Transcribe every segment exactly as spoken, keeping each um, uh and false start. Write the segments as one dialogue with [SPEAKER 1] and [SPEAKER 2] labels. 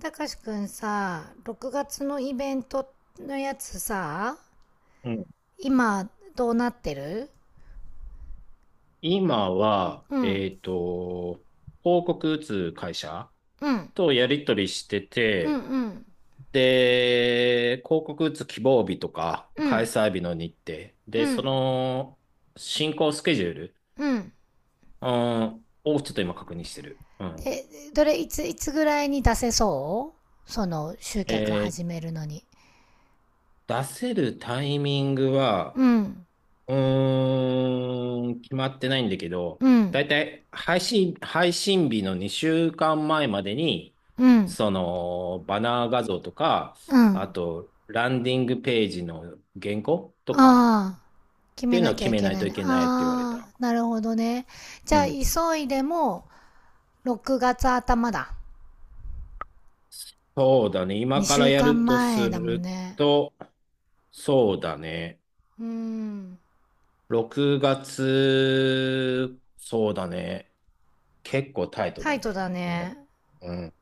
[SPEAKER 1] たかしくんさ、ろくがつのイベントのやつさ、
[SPEAKER 2] うん。
[SPEAKER 1] 今どうなってる？
[SPEAKER 2] 今は、
[SPEAKER 1] うん、
[SPEAKER 2] えっと、広告打つ会社
[SPEAKER 1] うん、
[SPEAKER 2] とやり取りして
[SPEAKER 1] うん、
[SPEAKER 2] て、
[SPEAKER 1] うん、
[SPEAKER 2] で、広告打つ希望日とか、
[SPEAKER 1] う
[SPEAKER 2] 開
[SPEAKER 1] ん、
[SPEAKER 2] 催日の日程、
[SPEAKER 1] う
[SPEAKER 2] で、そ
[SPEAKER 1] ん、
[SPEAKER 2] の進行スケジュール、
[SPEAKER 1] うん。
[SPEAKER 2] うん、をちょっと今確認してる。うん。
[SPEAKER 1] で、どれ、いつ、いつぐらいに出せそう？その集客始
[SPEAKER 2] え
[SPEAKER 1] めるのに。
[SPEAKER 2] 出せるタイミング
[SPEAKER 1] う
[SPEAKER 2] は、
[SPEAKER 1] ん、
[SPEAKER 2] うーん、決まってないんだけど、
[SPEAKER 1] うん、
[SPEAKER 2] だいたい配信、配信日の2週間前まえまでに、
[SPEAKER 1] うん、
[SPEAKER 2] その、バナー画像とか、
[SPEAKER 1] う
[SPEAKER 2] あ
[SPEAKER 1] ん。
[SPEAKER 2] と、ランディングページの原稿とか
[SPEAKER 1] ああ、決
[SPEAKER 2] って
[SPEAKER 1] め
[SPEAKER 2] いうのを
[SPEAKER 1] なき
[SPEAKER 2] 決
[SPEAKER 1] ゃい
[SPEAKER 2] め
[SPEAKER 1] け
[SPEAKER 2] ない
[SPEAKER 1] ない
[SPEAKER 2] とい
[SPEAKER 1] ね。
[SPEAKER 2] けないって言われ
[SPEAKER 1] あ
[SPEAKER 2] た。
[SPEAKER 1] あ、なるほどね。じ
[SPEAKER 2] う
[SPEAKER 1] ゃあ、
[SPEAKER 2] ん。
[SPEAKER 1] 急いでもろくがつ頭だ。
[SPEAKER 2] そうだね。今か
[SPEAKER 1] 2
[SPEAKER 2] ら
[SPEAKER 1] 週
[SPEAKER 2] やる
[SPEAKER 1] 間
[SPEAKER 2] とす
[SPEAKER 1] 前だもん
[SPEAKER 2] る
[SPEAKER 1] ね。
[SPEAKER 2] と、そうだね。
[SPEAKER 1] うん。
[SPEAKER 2] ろくがつ、そうだね。結構タイト
[SPEAKER 1] タ
[SPEAKER 2] だ
[SPEAKER 1] イト
[SPEAKER 2] ね。
[SPEAKER 1] だ
[SPEAKER 2] う
[SPEAKER 1] ね。
[SPEAKER 2] ん。うん。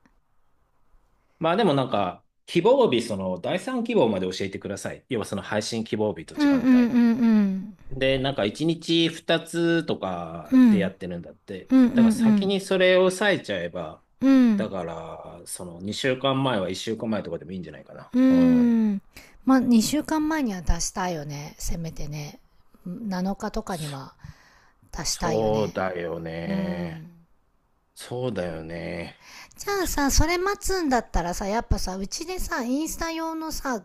[SPEAKER 2] まあでもなんか、希望日、その第三希望まで教えてください。要はその配信希望日と
[SPEAKER 1] うん
[SPEAKER 2] 時
[SPEAKER 1] うんうん
[SPEAKER 2] 間帯。
[SPEAKER 1] うん。
[SPEAKER 2] で、なんかいちにちふたつとか
[SPEAKER 1] う
[SPEAKER 2] でや
[SPEAKER 1] ん。
[SPEAKER 2] ってるんだって。
[SPEAKER 1] うんう
[SPEAKER 2] だから先
[SPEAKER 1] ん
[SPEAKER 2] にそれを抑えちゃえば、
[SPEAKER 1] う
[SPEAKER 2] だ
[SPEAKER 1] ん。
[SPEAKER 2] から、そのにしゅうかんまえはいっしゅうかんまえとかでもいいんじゃないかな。
[SPEAKER 1] うん。
[SPEAKER 2] うん。
[SPEAKER 1] うん。まあ、にしゅうかんまえには出したいよね。せめてね。なのかとかに
[SPEAKER 2] そ、
[SPEAKER 1] は出したいよ
[SPEAKER 2] そう
[SPEAKER 1] ね。
[SPEAKER 2] だよ
[SPEAKER 1] う
[SPEAKER 2] ね。
[SPEAKER 1] ん。
[SPEAKER 2] そうだよね。
[SPEAKER 1] じゃあ
[SPEAKER 2] ちょっ
[SPEAKER 1] さ、
[SPEAKER 2] と、
[SPEAKER 1] それ待つんだったらさ、やっぱさ、うちでさ、インスタ用のさ、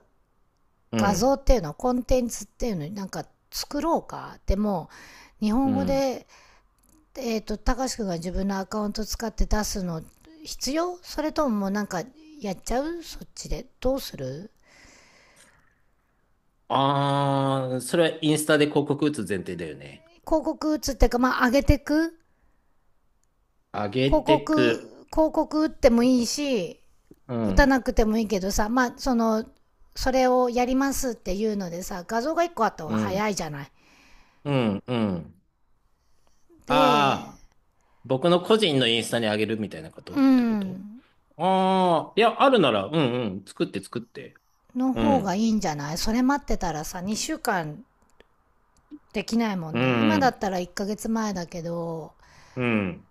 [SPEAKER 2] う
[SPEAKER 1] 画像
[SPEAKER 2] ん。
[SPEAKER 1] っていうの、コンテンツっていうの、なんか作ろうか。でも、日
[SPEAKER 2] う
[SPEAKER 1] 本語
[SPEAKER 2] ん。
[SPEAKER 1] でえっ、と、たかしくんが自分のアカウント使って出すの必要？それとも、もうなんかやっちゃう、そっちで？どうする？
[SPEAKER 2] ああ、それはインスタで広告打つ前提だよね。
[SPEAKER 1] 広告打つっていうか、まあ上げてく。
[SPEAKER 2] あげ
[SPEAKER 1] 広
[SPEAKER 2] て
[SPEAKER 1] 告、
[SPEAKER 2] く。
[SPEAKER 1] 広告打ってもいいし、
[SPEAKER 2] う
[SPEAKER 1] 打た
[SPEAKER 2] ん、
[SPEAKER 1] なくてもいいけどさ、まあその、それをやりますっていうのでさ、画像がいっこあった方
[SPEAKER 2] う
[SPEAKER 1] が
[SPEAKER 2] ん、
[SPEAKER 1] 早いじゃない。
[SPEAKER 2] うん、うん。
[SPEAKER 1] で、
[SPEAKER 2] ああ、僕の個人のインスタにあげるみたいなこと
[SPEAKER 1] う
[SPEAKER 2] ってこと？
[SPEAKER 1] ん、
[SPEAKER 2] ああー、いや、あるなら、うんうん、作って作って。
[SPEAKER 1] の
[SPEAKER 2] う
[SPEAKER 1] 方がい
[SPEAKER 2] ん、
[SPEAKER 1] いんじゃない？それ待ってたらさ、にしゅうかんできないもん
[SPEAKER 2] う
[SPEAKER 1] ね。今だ
[SPEAKER 2] ん、
[SPEAKER 1] ったらいっかげつまえだけど、
[SPEAKER 2] うん、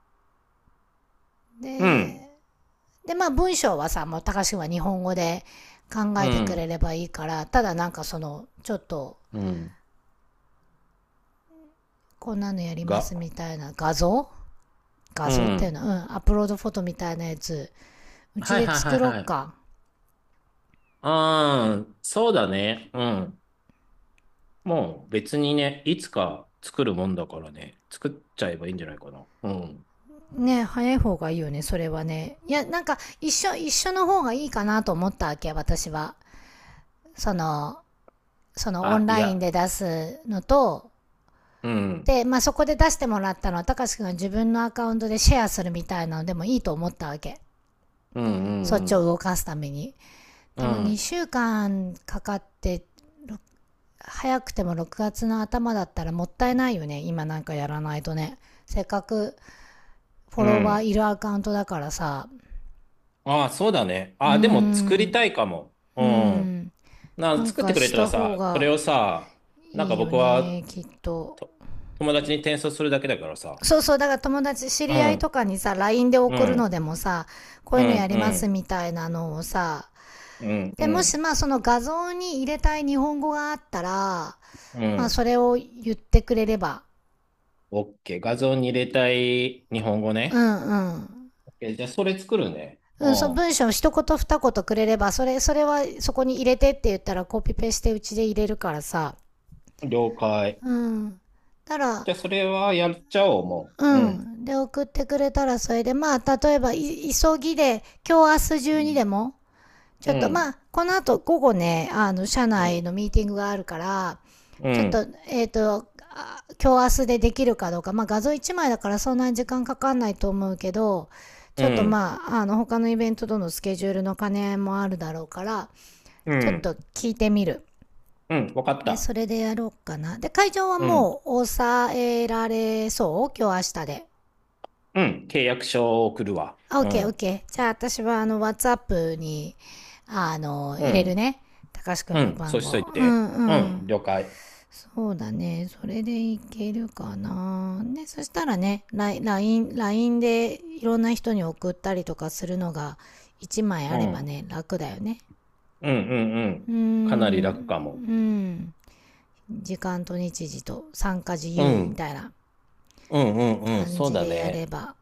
[SPEAKER 2] うん、
[SPEAKER 1] で、で、まあ文章はさ、もう高橋君は日本語で考
[SPEAKER 2] う
[SPEAKER 1] えてくれ
[SPEAKER 2] ん、
[SPEAKER 1] ればいいから、ただなんかその、ちょっと、
[SPEAKER 2] うん、
[SPEAKER 1] こんなのやりま
[SPEAKER 2] が、
[SPEAKER 1] すみたいな画像、画
[SPEAKER 2] う
[SPEAKER 1] 像っていう
[SPEAKER 2] ん。
[SPEAKER 1] のは、うん、アップロードフォトみたいなやつ、うち
[SPEAKER 2] はい
[SPEAKER 1] で
[SPEAKER 2] はいはい
[SPEAKER 1] 作ろ
[SPEAKER 2] は
[SPEAKER 1] っ
[SPEAKER 2] い。
[SPEAKER 1] か。
[SPEAKER 2] ああ、そうだね。うん。もう別にね、いつか作るもんだからね、作っちゃえばいいんじゃないかな。うん。
[SPEAKER 1] ね、早い方がいいよね、それはね。いや、なんか、一緒、一緒の方がいいかなと思ったわけ、私は。その、そのオン
[SPEAKER 2] あ、い
[SPEAKER 1] ライン
[SPEAKER 2] や、
[SPEAKER 1] で出すのと、
[SPEAKER 2] うん、
[SPEAKER 1] で、まあ、そこで出してもらったのは、高橋くんが自分のアカウントでシェアするみたいなのでもいいと思ったわけ。
[SPEAKER 2] うん、
[SPEAKER 1] そっ
[SPEAKER 2] う
[SPEAKER 1] ちを
[SPEAKER 2] ん、
[SPEAKER 1] 動かすために。
[SPEAKER 2] う
[SPEAKER 1] でも
[SPEAKER 2] ん、
[SPEAKER 1] にしゅうかんかんかかって、早くてもろくがつの頭だったらもったいないよね。今なんかやらないとね。せっかくフ
[SPEAKER 2] う
[SPEAKER 1] ォ
[SPEAKER 2] ん、う
[SPEAKER 1] ロワーい
[SPEAKER 2] ん。
[SPEAKER 1] るアカウントだからさ。
[SPEAKER 2] ああ、そうだね。
[SPEAKER 1] う
[SPEAKER 2] あ
[SPEAKER 1] ー
[SPEAKER 2] あ、でも作りた
[SPEAKER 1] ん。
[SPEAKER 2] いかも。う
[SPEAKER 1] うー
[SPEAKER 2] ん。
[SPEAKER 1] ん。な
[SPEAKER 2] な、
[SPEAKER 1] ん
[SPEAKER 2] 作って
[SPEAKER 1] か
[SPEAKER 2] くれ
[SPEAKER 1] し
[SPEAKER 2] たら
[SPEAKER 1] た方
[SPEAKER 2] さ、それ
[SPEAKER 1] が
[SPEAKER 2] をさ、なん
[SPEAKER 1] い
[SPEAKER 2] か
[SPEAKER 1] いよ
[SPEAKER 2] 僕は
[SPEAKER 1] ね、きっと。
[SPEAKER 2] と友達に転送するだけだからさ。
[SPEAKER 1] そうそう、だから友達、知
[SPEAKER 2] う
[SPEAKER 1] り合い
[SPEAKER 2] ん、
[SPEAKER 1] とかにさ、ライン で
[SPEAKER 2] う
[SPEAKER 1] 送る
[SPEAKER 2] ん、
[SPEAKER 1] のでもさ、こう
[SPEAKER 2] う
[SPEAKER 1] いうのや
[SPEAKER 2] ん、
[SPEAKER 1] り
[SPEAKER 2] う
[SPEAKER 1] ます
[SPEAKER 2] ん、
[SPEAKER 1] みたいなのをさ、
[SPEAKER 2] うん、
[SPEAKER 1] で、
[SPEAKER 2] う
[SPEAKER 1] もし
[SPEAKER 2] ん、
[SPEAKER 1] まあその画像に入れたい日本語があったら、
[SPEAKER 2] う
[SPEAKER 1] まあ、
[SPEAKER 2] ん。
[SPEAKER 1] それを言ってくれれば、
[SPEAKER 2] オッケー。画像に入れたい日本語
[SPEAKER 1] う
[SPEAKER 2] ね。
[SPEAKER 1] んうん。
[SPEAKER 2] オッケー。じゃあ、それ作るね。
[SPEAKER 1] うん、その
[SPEAKER 2] う
[SPEAKER 1] 文章を一言二言くれれば、それ、それはそこに入れてって言ったらコピペしてうちで入れるからさ。
[SPEAKER 2] ん。了解。
[SPEAKER 1] うん。だから、
[SPEAKER 2] じゃあ、それはやっちゃおう、も
[SPEAKER 1] う
[SPEAKER 2] う。うん。
[SPEAKER 1] ん。で、送ってくれたらそれで、まあ、例えば、急ぎで、今日明日
[SPEAKER 2] う
[SPEAKER 1] 中にで
[SPEAKER 2] ん。
[SPEAKER 1] も、ち
[SPEAKER 2] う
[SPEAKER 1] ょっとま
[SPEAKER 2] ん。
[SPEAKER 1] あ、この後午後ね、あの、社
[SPEAKER 2] う
[SPEAKER 1] 内
[SPEAKER 2] ん。
[SPEAKER 1] のミーティングがあるから、
[SPEAKER 2] う
[SPEAKER 1] ちょっ
[SPEAKER 2] ん。
[SPEAKER 1] と、えっ、と、今日明日でできるかどうか、まあ画像いちまいだからそんなに時間かかんないと思うけど、
[SPEAKER 2] う
[SPEAKER 1] ちょっと
[SPEAKER 2] ん
[SPEAKER 1] まあ、あの、他のイベントとのスケジュールの兼ね合いもあるだろうから、
[SPEAKER 2] う
[SPEAKER 1] ちょっ
[SPEAKER 2] ん。
[SPEAKER 1] と聞いてみる。
[SPEAKER 2] うん。わかっ
[SPEAKER 1] で、そ
[SPEAKER 2] た。
[SPEAKER 1] れでやろうかな。で、会場は
[SPEAKER 2] うん。
[SPEAKER 1] もう抑えられそう？今日明日で。
[SPEAKER 2] うん。契約書を送るわ。
[SPEAKER 1] あ、オッ
[SPEAKER 2] う
[SPEAKER 1] ケーオッ
[SPEAKER 2] ん。
[SPEAKER 1] ケー。じゃあ私はあの、WhatsApp に、あの、
[SPEAKER 2] う
[SPEAKER 1] 入れる
[SPEAKER 2] ん。
[SPEAKER 1] ね。たかしくん
[SPEAKER 2] う
[SPEAKER 1] の
[SPEAKER 2] ん。そう
[SPEAKER 1] 番
[SPEAKER 2] しとい
[SPEAKER 1] 号。う
[SPEAKER 2] て。
[SPEAKER 1] んう
[SPEAKER 2] う
[SPEAKER 1] ん。
[SPEAKER 2] ん。了解。
[SPEAKER 1] そうだね。それでいけるかな。ね、そしたらね、ラインラインでいろんな人に送ったりとかするのがいちまい
[SPEAKER 2] う
[SPEAKER 1] あれ
[SPEAKER 2] ん。う
[SPEAKER 1] ば
[SPEAKER 2] ん
[SPEAKER 1] ね、楽だよね。
[SPEAKER 2] うんう
[SPEAKER 1] うーん、
[SPEAKER 2] ん。かなり楽かも。
[SPEAKER 1] うん。時間と日時と参加自
[SPEAKER 2] う
[SPEAKER 1] 由み
[SPEAKER 2] ん。
[SPEAKER 1] たいな
[SPEAKER 2] うんうんうん。
[SPEAKER 1] 感
[SPEAKER 2] そう
[SPEAKER 1] じ
[SPEAKER 2] だ
[SPEAKER 1] でやれ
[SPEAKER 2] ね。
[SPEAKER 1] ば。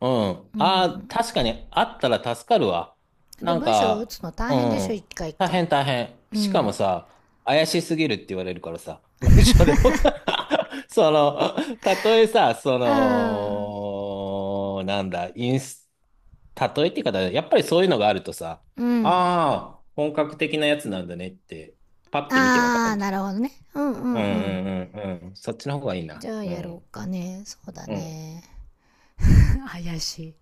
[SPEAKER 2] うん。
[SPEAKER 1] う
[SPEAKER 2] ああ、
[SPEAKER 1] ん。
[SPEAKER 2] 確かにあったら助かるわ。
[SPEAKER 1] で、
[SPEAKER 2] なん
[SPEAKER 1] 文章を打
[SPEAKER 2] か、
[SPEAKER 1] つの大
[SPEAKER 2] う
[SPEAKER 1] 変でしょ、一
[SPEAKER 2] ん。
[SPEAKER 1] 回一
[SPEAKER 2] 大
[SPEAKER 1] 回。
[SPEAKER 2] 変大変。
[SPEAKER 1] う
[SPEAKER 2] しかも
[SPEAKER 1] ん。
[SPEAKER 2] さ、怪しすぎるって言われるからさ。文章で僕。 その、たとえさ、そ
[SPEAKER 1] うん。
[SPEAKER 2] の、なんだ、インス、たとえって言い方、やっぱりそういうのがあるとさ、
[SPEAKER 1] うん。
[SPEAKER 2] ああ、本格的なやつなんだねって、パッて見てわか
[SPEAKER 1] あー、
[SPEAKER 2] るじ
[SPEAKER 1] なるほどね。うんう
[SPEAKER 2] ゃん。う
[SPEAKER 1] んうん。
[SPEAKER 2] んうんうんうん。そっちの方がいいな。
[SPEAKER 1] じゃあ
[SPEAKER 2] う
[SPEAKER 1] やろ
[SPEAKER 2] ん。
[SPEAKER 1] うかね。そうだ
[SPEAKER 2] うん。
[SPEAKER 1] ね。怪しい。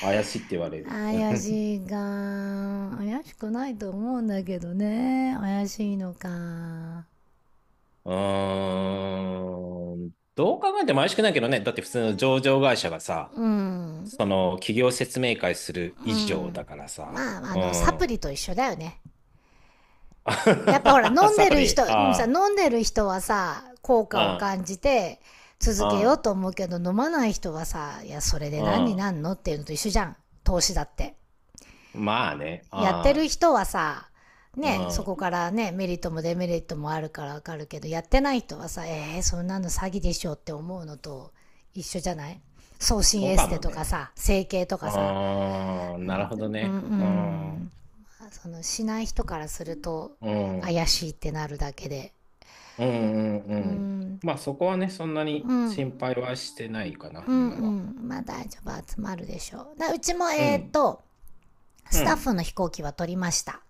[SPEAKER 2] 怪しいって言われる。う
[SPEAKER 1] 怪
[SPEAKER 2] ん。
[SPEAKER 1] しいか。怪しくないと思うんだけどね。怪しいのか。
[SPEAKER 2] うーん。どう考えても怪しくないけどね。だって普通の上場会社がさ、
[SPEAKER 1] うん。
[SPEAKER 2] その企業説明会する
[SPEAKER 1] う
[SPEAKER 2] 以上だ
[SPEAKER 1] ん。
[SPEAKER 2] からさ。
[SPEAKER 1] まあ、あ
[SPEAKER 2] う
[SPEAKER 1] の、サ
[SPEAKER 2] ん。
[SPEAKER 1] プリと一緒だよね。やっぱほら、飲ん
[SPEAKER 2] サ
[SPEAKER 1] で
[SPEAKER 2] プ
[SPEAKER 1] る人、
[SPEAKER 2] リ。
[SPEAKER 1] さ、
[SPEAKER 2] あ
[SPEAKER 1] 飲んでる人はさ、効果を
[SPEAKER 2] あ、
[SPEAKER 1] 感じて
[SPEAKER 2] う
[SPEAKER 1] 続けよう
[SPEAKER 2] ん、
[SPEAKER 1] と思うけど、飲まない人はさ、いや、それで
[SPEAKER 2] う
[SPEAKER 1] 何に
[SPEAKER 2] ん、
[SPEAKER 1] なんのっていうのと一緒じゃん。投資だって。
[SPEAKER 2] うん。まあね。
[SPEAKER 1] やってる
[SPEAKER 2] あ
[SPEAKER 1] 人はさ、ね、そ
[SPEAKER 2] あ、
[SPEAKER 1] こ
[SPEAKER 2] うん。
[SPEAKER 1] からね、メリットもデメリットもあるからわかるけど、やってない人はさ、えー、そんなの詐欺でしょって思うのと一緒じゃない？送信
[SPEAKER 2] そう
[SPEAKER 1] エ
[SPEAKER 2] か
[SPEAKER 1] ステ
[SPEAKER 2] も
[SPEAKER 1] とか
[SPEAKER 2] ね。
[SPEAKER 1] さ、整形と
[SPEAKER 2] う
[SPEAKER 1] かさ、
[SPEAKER 2] ーん。なるほど
[SPEAKER 1] うん、う
[SPEAKER 2] ね。うん。う
[SPEAKER 1] ん、その、しない人からすると
[SPEAKER 2] ん。
[SPEAKER 1] 怪しいってなるだけで、
[SPEAKER 2] あああまあねああうんそうかもねああなるほどねうんうんうん
[SPEAKER 1] う
[SPEAKER 2] うんうん。
[SPEAKER 1] ん、
[SPEAKER 2] まあそこはね、そんな
[SPEAKER 1] う
[SPEAKER 2] に
[SPEAKER 1] ん、うん、
[SPEAKER 2] 心配はしてないかな、
[SPEAKER 1] う
[SPEAKER 2] 今は。
[SPEAKER 1] ん、まあ大丈夫、集まるでしょう。だうちも、
[SPEAKER 2] う
[SPEAKER 1] えーっ
[SPEAKER 2] ん。
[SPEAKER 1] と、
[SPEAKER 2] う
[SPEAKER 1] スタッ
[SPEAKER 2] ん。
[SPEAKER 1] フの飛行機は取りました。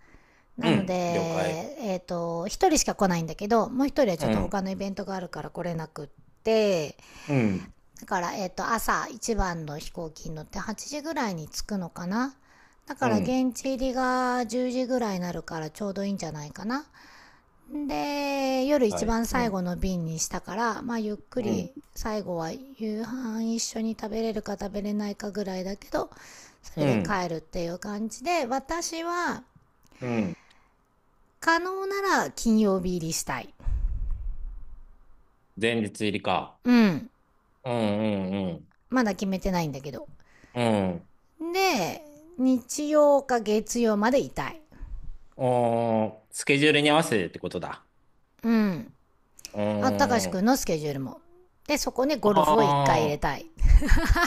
[SPEAKER 1] な
[SPEAKER 2] う
[SPEAKER 1] ので、
[SPEAKER 2] ん。了解。
[SPEAKER 1] えっ、と、一人しか来ないんだけど、もう一人は
[SPEAKER 2] う
[SPEAKER 1] ちょっと
[SPEAKER 2] ん、
[SPEAKER 1] 他のイベントがあるから来れなくって、
[SPEAKER 2] うん、
[SPEAKER 1] だから、えっ、と、朝一番の飛行機に乗ってはちじぐらいに着くのかな。だか
[SPEAKER 2] う
[SPEAKER 1] ら
[SPEAKER 2] ん、
[SPEAKER 1] 現地入りがじゅうじぐらいになるからちょうどいいんじゃないかな。で、夜一
[SPEAKER 2] はい。
[SPEAKER 1] 番
[SPEAKER 2] う
[SPEAKER 1] 最
[SPEAKER 2] ん、
[SPEAKER 1] 後の便にしたから、まあゆっく
[SPEAKER 2] うん、
[SPEAKER 1] り最後は夕飯一緒に食べれるか食べれないかぐらいだけど、そ
[SPEAKER 2] う
[SPEAKER 1] れで
[SPEAKER 2] ん、
[SPEAKER 1] 帰るっていう感じで、私は
[SPEAKER 2] うん。
[SPEAKER 1] 可能なら金曜日入りしたい。
[SPEAKER 2] 前日入りか。
[SPEAKER 1] うん。
[SPEAKER 2] うん、うん、
[SPEAKER 1] まだ決めてないんだけど。
[SPEAKER 2] うん、うん。
[SPEAKER 1] で、日曜か月曜までいたい。
[SPEAKER 2] おー、スケジュールに合わせてってことだ。
[SPEAKER 1] うん。
[SPEAKER 2] う
[SPEAKER 1] あ、たかし
[SPEAKER 2] ー
[SPEAKER 1] くん
[SPEAKER 2] ん。
[SPEAKER 1] のスケジュールも。で、そこにゴ
[SPEAKER 2] あ
[SPEAKER 1] ルフを一回入れ
[SPEAKER 2] ー
[SPEAKER 1] たい。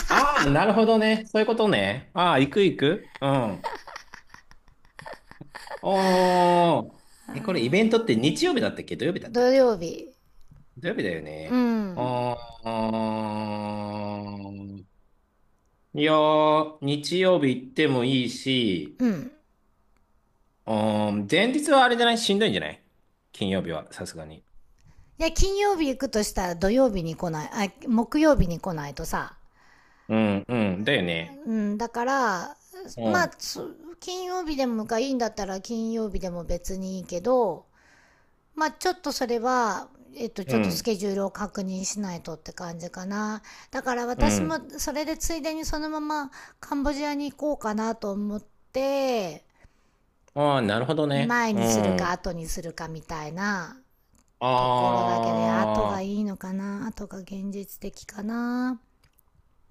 [SPEAKER 2] あー、なるほどね。そういうことね。ああ、行く行く。うん。おー。え、これイベントって日曜日だったっけ土曜日だったっ
[SPEAKER 1] 土曜
[SPEAKER 2] け？
[SPEAKER 1] 日。
[SPEAKER 2] 土曜日だよ
[SPEAKER 1] う
[SPEAKER 2] ね。
[SPEAKER 1] ん。
[SPEAKER 2] あー。いやー、日曜日行ってもいいし、
[SPEAKER 1] うん。
[SPEAKER 2] うーん、前日はあれじゃない？しんどいんじゃない？金曜日は、さすがに。
[SPEAKER 1] いや、金曜日行くとしたら土曜日に来ない、あ、木曜日に来ないとさ。
[SPEAKER 2] うん、うん、だよね。
[SPEAKER 1] うん、だから、
[SPEAKER 2] う
[SPEAKER 1] まあ、
[SPEAKER 2] ん、
[SPEAKER 1] 金曜日でもがいいんだったら金曜日でも別にいいけど、まあちょっとそれは、えっと、ち
[SPEAKER 2] う
[SPEAKER 1] ょっとス
[SPEAKER 2] ん、
[SPEAKER 1] ケジュールを確認しないとって感じかな。だから
[SPEAKER 2] う
[SPEAKER 1] 私も
[SPEAKER 2] ん。
[SPEAKER 1] それでついでにそのままカンボジアに行こうかなと思って、
[SPEAKER 2] ああ、なるほどね。
[SPEAKER 1] 前
[SPEAKER 2] う
[SPEAKER 1] にするか
[SPEAKER 2] ん。
[SPEAKER 1] 後にするかみたいなところだけで、後が
[SPEAKER 2] ああ、
[SPEAKER 1] いいのかな？後が現実的かな？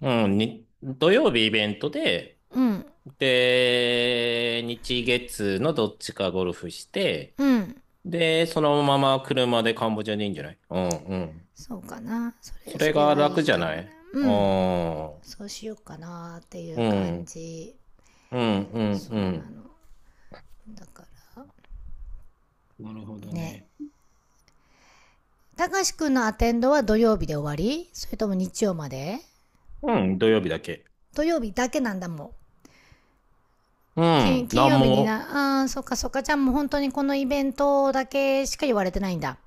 [SPEAKER 2] うん、に、土曜日イベントで、
[SPEAKER 1] うん、
[SPEAKER 2] で、日月のどっちかゴルフして、
[SPEAKER 1] うん。
[SPEAKER 2] で、そのまま車でカンボジアでいいんじゃない？うん、うん。
[SPEAKER 1] そうかな。そ
[SPEAKER 2] そ
[SPEAKER 1] れ、
[SPEAKER 2] れ
[SPEAKER 1] それ
[SPEAKER 2] が
[SPEAKER 1] がい
[SPEAKER 2] 楽
[SPEAKER 1] い
[SPEAKER 2] じゃ
[SPEAKER 1] か
[SPEAKER 2] な
[SPEAKER 1] も
[SPEAKER 2] い？
[SPEAKER 1] ね。
[SPEAKER 2] ああ
[SPEAKER 1] うん。
[SPEAKER 2] ー、
[SPEAKER 1] そうしようかなってい
[SPEAKER 2] う
[SPEAKER 1] う感
[SPEAKER 2] ん、
[SPEAKER 1] じ。
[SPEAKER 2] うん、うん、
[SPEAKER 1] そ
[SPEAKER 2] う
[SPEAKER 1] んな
[SPEAKER 2] ん。
[SPEAKER 1] の。だから、
[SPEAKER 2] なるほど
[SPEAKER 1] ね。
[SPEAKER 2] ね。
[SPEAKER 1] たかしくんのアテンドは土曜日で終わり？それとも日曜まで？
[SPEAKER 2] うん、土曜日だけ。
[SPEAKER 1] 土曜日だけなんだもん。
[SPEAKER 2] う
[SPEAKER 1] 金
[SPEAKER 2] ん。
[SPEAKER 1] 金
[SPEAKER 2] 何
[SPEAKER 1] 曜日に
[SPEAKER 2] も
[SPEAKER 1] な、あーそっかそっか、ちゃんもう本当にこのイベントだけしか言われてないんだ。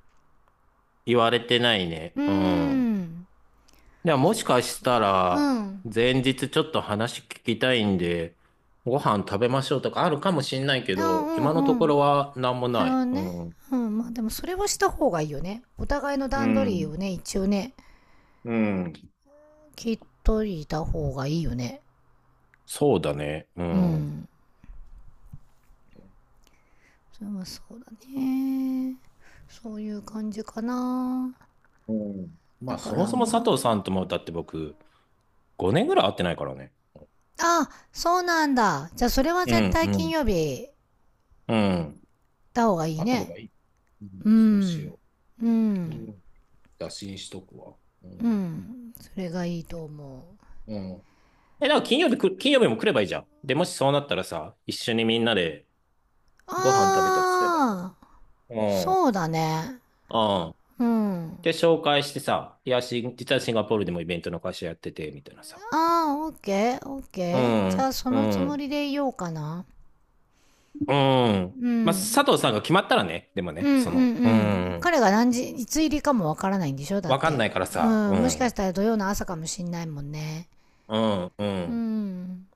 [SPEAKER 2] 言われてない
[SPEAKER 1] う
[SPEAKER 2] ね。
[SPEAKER 1] ー
[SPEAKER 2] うん。
[SPEAKER 1] ん。
[SPEAKER 2] ではも
[SPEAKER 1] そ
[SPEAKER 2] しかし
[SPEAKER 1] っか。
[SPEAKER 2] た
[SPEAKER 1] う
[SPEAKER 2] ら、
[SPEAKER 1] ん。
[SPEAKER 2] 前日ちょっと話聞きたいんで、ご飯食べましょうとかあるかもしんないけ
[SPEAKER 1] あーう
[SPEAKER 2] ど、今の
[SPEAKER 1] ん
[SPEAKER 2] と
[SPEAKER 1] う
[SPEAKER 2] こ
[SPEAKER 1] ん。
[SPEAKER 2] ろは何も
[SPEAKER 1] なる
[SPEAKER 2] な
[SPEAKER 1] ほ
[SPEAKER 2] い。
[SPEAKER 1] ど
[SPEAKER 2] う
[SPEAKER 1] ね。
[SPEAKER 2] ん。
[SPEAKER 1] うん、まあでもそれはした方がいいよね。お互いの
[SPEAKER 2] う
[SPEAKER 1] 段取り
[SPEAKER 2] ん。
[SPEAKER 1] をね、一応ね、
[SPEAKER 2] うん。
[SPEAKER 1] 聞いといた方がいいよね。
[SPEAKER 2] そうだね。う
[SPEAKER 1] う
[SPEAKER 2] ん。
[SPEAKER 1] ん。それはそうだね。そういう感じかな。
[SPEAKER 2] うん。ま
[SPEAKER 1] だ
[SPEAKER 2] あ、
[SPEAKER 1] か
[SPEAKER 2] そも
[SPEAKER 1] ら
[SPEAKER 2] そも
[SPEAKER 1] ま
[SPEAKER 2] 佐藤さん
[SPEAKER 1] あ、
[SPEAKER 2] とも、だって僕、ごねんぐらい会ってないからね。
[SPEAKER 1] あ、そうなんだ。じゃあそれは
[SPEAKER 2] う
[SPEAKER 1] 絶
[SPEAKER 2] ん、
[SPEAKER 1] 対
[SPEAKER 2] う
[SPEAKER 1] 金
[SPEAKER 2] ん、
[SPEAKER 1] 曜日
[SPEAKER 2] うん。
[SPEAKER 1] だ方がいい
[SPEAKER 2] 会った方
[SPEAKER 1] ね。
[SPEAKER 2] がいい。うん、
[SPEAKER 1] う
[SPEAKER 2] そうし
[SPEAKER 1] ん。
[SPEAKER 2] よ
[SPEAKER 1] う
[SPEAKER 2] う。金曜
[SPEAKER 1] ん。
[SPEAKER 2] 日打診しとくわ。う
[SPEAKER 1] う
[SPEAKER 2] ん、
[SPEAKER 1] ん。それがいいと思う。
[SPEAKER 2] うん。え、だから金曜日く、金曜日も来ればいいじゃん。で、もしそうなったらさ、一緒にみんなでご飯食べたりすればいいじ
[SPEAKER 1] ああ、
[SPEAKER 2] ゃん。うん。
[SPEAKER 1] そうだね。
[SPEAKER 2] うん。
[SPEAKER 1] うん。
[SPEAKER 2] で、紹介してさ、いや、し、実はシンガポールでもイベントの会社やってて、みたいなさ。
[SPEAKER 1] ああ、オッケー、オッケ
[SPEAKER 2] う
[SPEAKER 1] ー。じゃ
[SPEAKER 2] ん。
[SPEAKER 1] あそ
[SPEAKER 2] う
[SPEAKER 1] のつ
[SPEAKER 2] ん。う
[SPEAKER 1] も
[SPEAKER 2] ん。
[SPEAKER 1] りでいようかな。う
[SPEAKER 2] まあ、
[SPEAKER 1] ん。
[SPEAKER 2] 佐藤さんが決まったらね、でも
[SPEAKER 1] うん
[SPEAKER 2] ね、
[SPEAKER 1] うんう
[SPEAKER 2] その、う
[SPEAKER 1] ん。
[SPEAKER 2] ん。
[SPEAKER 1] 彼が何時、いつ入りかもわからないんでしょ？だっ
[SPEAKER 2] わかんな
[SPEAKER 1] て。
[SPEAKER 2] いから
[SPEAKER 1] う
[SPEAKER 2] さ、う
[SPEAKER 1] ん。もしかし
[SPEAKER 2] ん。
[SPEAKER 1] たら土曜の朝かもしんないもんね。
[SPEAKER 2] うん。う
[SPEAKER 1] う
[SPEAKER 2] ん。
[SPEAKER 1] ん。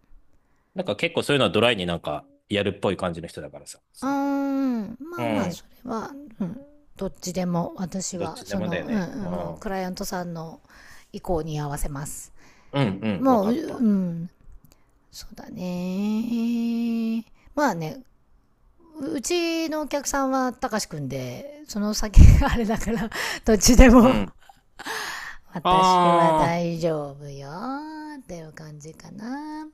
[SPEAKER 2] なんか結構そういうのはドライになんかやるっぽい感じの人だからさ、
[SPEAKER 1] うー
[SPEAKER 2] その、
[SPEAKER 1] うんま
[SPEAKER 2] う
[SPEAKER 1] あまあ
[SPEAKER 2] ん。
[SPEAKER 1] それは、うん、どっちでも私
[SPEAKER 2] どっ
[SPEAKER 1] は
[SPEAKER 2] ちで
[SPEAKER 1] そ
[SPEAKER 2] もだ
[SPEAKER 1] の、
[SPEAKER 2] よ
[SPEAKER 1] う
[SPEAKER 2] ね。う
[SPEAKER 1] ん
[SPEAKER 2] ん。
[SPEAKER 1] うん、もう
[SPEAKER 2] うん、
[SPEAKER 1] クライアントさんの意向に合わせます。
[SPEAKER 2] うん、わ
[SPEAKER 1] もう
[SPEAKER 2] か
[SPEAKER 1] う
[SPEAKER 2] った。
[SPEAKER 1] うん。そうだね。まあね。うちのお客さんはたかしくんでその先があれだから どっちで
[SPEAKER 2] う
[SPEAKER 1] も
[SPEAKER 2] ん。
[SPEAKER 1] 私は
[SPEAKER 2] あ
[SPEAKER 1] 大
[SPEAKER 2] あ。
[SPEAKER 1] 丈夫よっていう感じかな。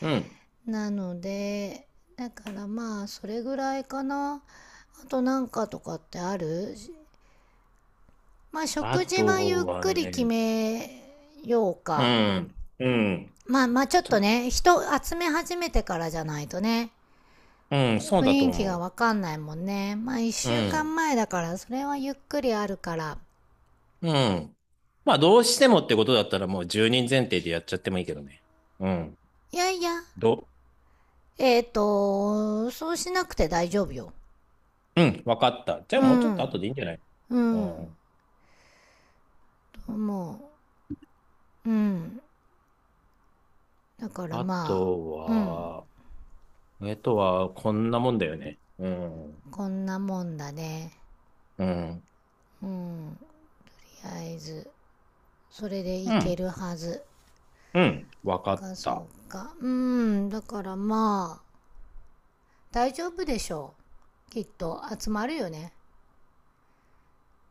[SPEAKER 2] うん。
[SPEAKER 1] なので、だからまあそれぐらいかな。あと、なんかとかってある？まあ、
[SPEAKER 2] あ
[SPEAKER 1] 食事はゆっ
[SPEAKER 2] とは
[SPEAKER 1] くり決
[SPEAKER 2] ね、
[SPEAKER 1] めよう
[SPEAKER 2] う
[SPEAKER 1] か。
[SPEAKER 2] ん、うん、
[SPEAKER 1] まあまあちょっ
[SPEAKER 2] ち
[SPEAKER 1] と
[SPEAKER 2] ょ、
[SPEAKER 1] ね、人集め始めてからじゃないとね、
[SPEAKER 2] うん、そう
[SPEAKER 1] 雰
[SPEAKER 2] だと
[SPEAKER 1] 囲気が
[SPEAKER 2] 思
[SPEAKER 1] わかんないもんね。まあ一
[SPEAKER 2] う。う
[SPEAKER 1] 週
[SPEAKER 2] ん、
[SPEAKER 1] 間前だから、それはゆっくりあるから。
[SPEAKER 2] うん。まあ、どうしてもってことだったらもうひとり提でやっちゃってもいいけどね。うん。
[SPEAKER 1] いやいや、
[SPEAKER 2] ど、
[SPEAKER 1] えっ、と、そうしなくて大丈夫よ。
[SPEAKER 2] うん、わかった。じゃあ
[SPEAKER 1] う
[SPEAKER 2] もうちょっと後
[SPEAKER 1] ん、
[SPEAKER 2] でいいんじゃない？
[SPEAKER 1] う
[SPEAKER 2] う
[SPEAKER 1] ん、
[SPEAKER 2] ん。
[SPEAKER 1] とう。うん。だから
[SPEAKER 2] あ
[SPEAKER 1] ま
[SPEAKER 2] と
[SPEAKER 1] あ、うん、
[SPEAKER 2] は、えっとは、こんなもんだよね。うん、うん、
[SPEAKER 1] こんなもんだね。
[SPEAKER 2] う
[SPEAKER 1] うん、とりあえず、それでい
[SPEAKER 2] ん、
[SPEAKER 1] けるはず。
[SPEAKER 2] うん、わかっ
[SPEAKER 1] かそ
[SPEAKER 2] た。
[SPEAKER 1] うかうーんだからまあ大丈夫でしょう、きっと集まるよね。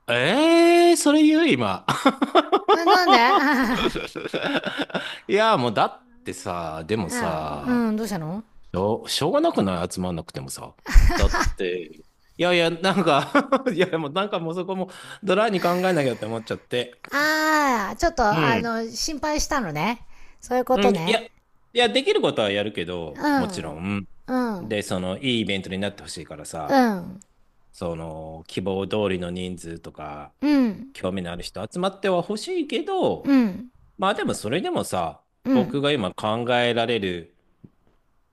[SPEAKER 2] ええー、それ言う今？
[SPEAKER 1] えなんで？
[SPEAKER 2] いや、もうだってさ、でも
[SPEAKER 1] う
[SPEAKER 2] さ、
[SPEAKER 1] んうん、どうしたの？
[SPEAKER 2] しょう、しょうがなくない？集まんなくてもさ。だって、いやいや、なんか。 いや、もうなんかもうそこもドライに考えなきゃって思っちゃって。
[SPEAKER 1] ああ、ちょっと
[SPEAKER 2] う
[SPEAKER 1] あ
[SPEAKER 2] ん。
[SPEAKER 1] の心配したのね、そういうこ
[SPEAKER 2] う
[SPEAKER 1] と
[SPEAKER 2] ん、いや、
[SPEAKER 1] ね。
[SPEAKER 2] いや、できることはやるけど、
[SPEAKER 1] う
[SPEAKER 2] もちろ
[SPEAKER 1] ん
[SPEAKER 2] ん。
[SPEAKER 1] うん
[SPEAKER 2] で、その、いいイベントになってほしいから
[SPEAKER 1] う
[SPEAKER 2] さ、
[SPEAKER 1] ん
[SPEAKER 2] その、希望通りの人数とか、
[SPEAKER 1] うん
[SPEAKER 2] 興味のある人集まってはほしいけど、
[SPEAKER 1] うん
[SPEAKER 2] まあでもそれでもさ、
[SPEAKER 1] う
[SPEAKER 2] 僕
[SPEAKER 1] ん
[SPEAKER 2] が今考えられる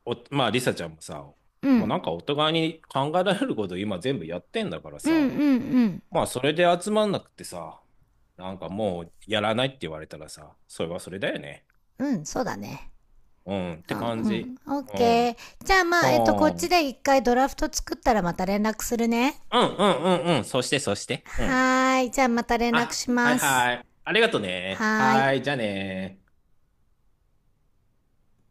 [SPEAKER 2] お、まあ、リサちゃんもさ、
[SPEAKER 1] うんう
[SPEAKER 2] もうなん
[SPEAKER 1] ん
[SPEAKER 2] かお互いに考えられること今全部やってんだから
[SPEAKER 1] うんう
[SPEAKER 2] さ、
[SPEAKER 1] ん
[SPEAKER 2] まあ、それで集まんなくてさ、なんかもうやらないって言われたらさ、それはそれだよね。
[SPEAKER 1] うんそうだね。
[SPEAKER 2] うんっ
[SPEAKER 1] う
[SPEAKER 2] て
[SPEAKER 1] ん
[SPEAKER 2] 感
[SPEAKER 1] う
[SPEAKER 2] じ。
[SPEAKER 1] ん、オッ
[SPEAKER 2] う
[SPEAKER 1] ケ
[SPEAKER 2] ん。
[SPEAKER 1] ー。じゃあまあ、えっとこっ
[SPEAKER 2] は
[SPEAKER 1] ち
[SPEAKER 2] あ。
[SPEAKER 1] で一回ドラフト作ったらまた連絡するね。
[SPEAKER 2] うんうんうんうん。そしてそして。うん。
[SPEAKER 1] はーい。じゃあまた連絡
[SPEAKER 2] あ、
[SPEAKER 1] し
[SPEAKER 2] はい
[SPEAKER 1] ます。
[SPEAKER 2] はい。ありがとね。
[SPEAKER 1] はー
[SPEAKER 2] は
[SPEAKER 1] い。
[SPEAKER 2] い、じゃあね。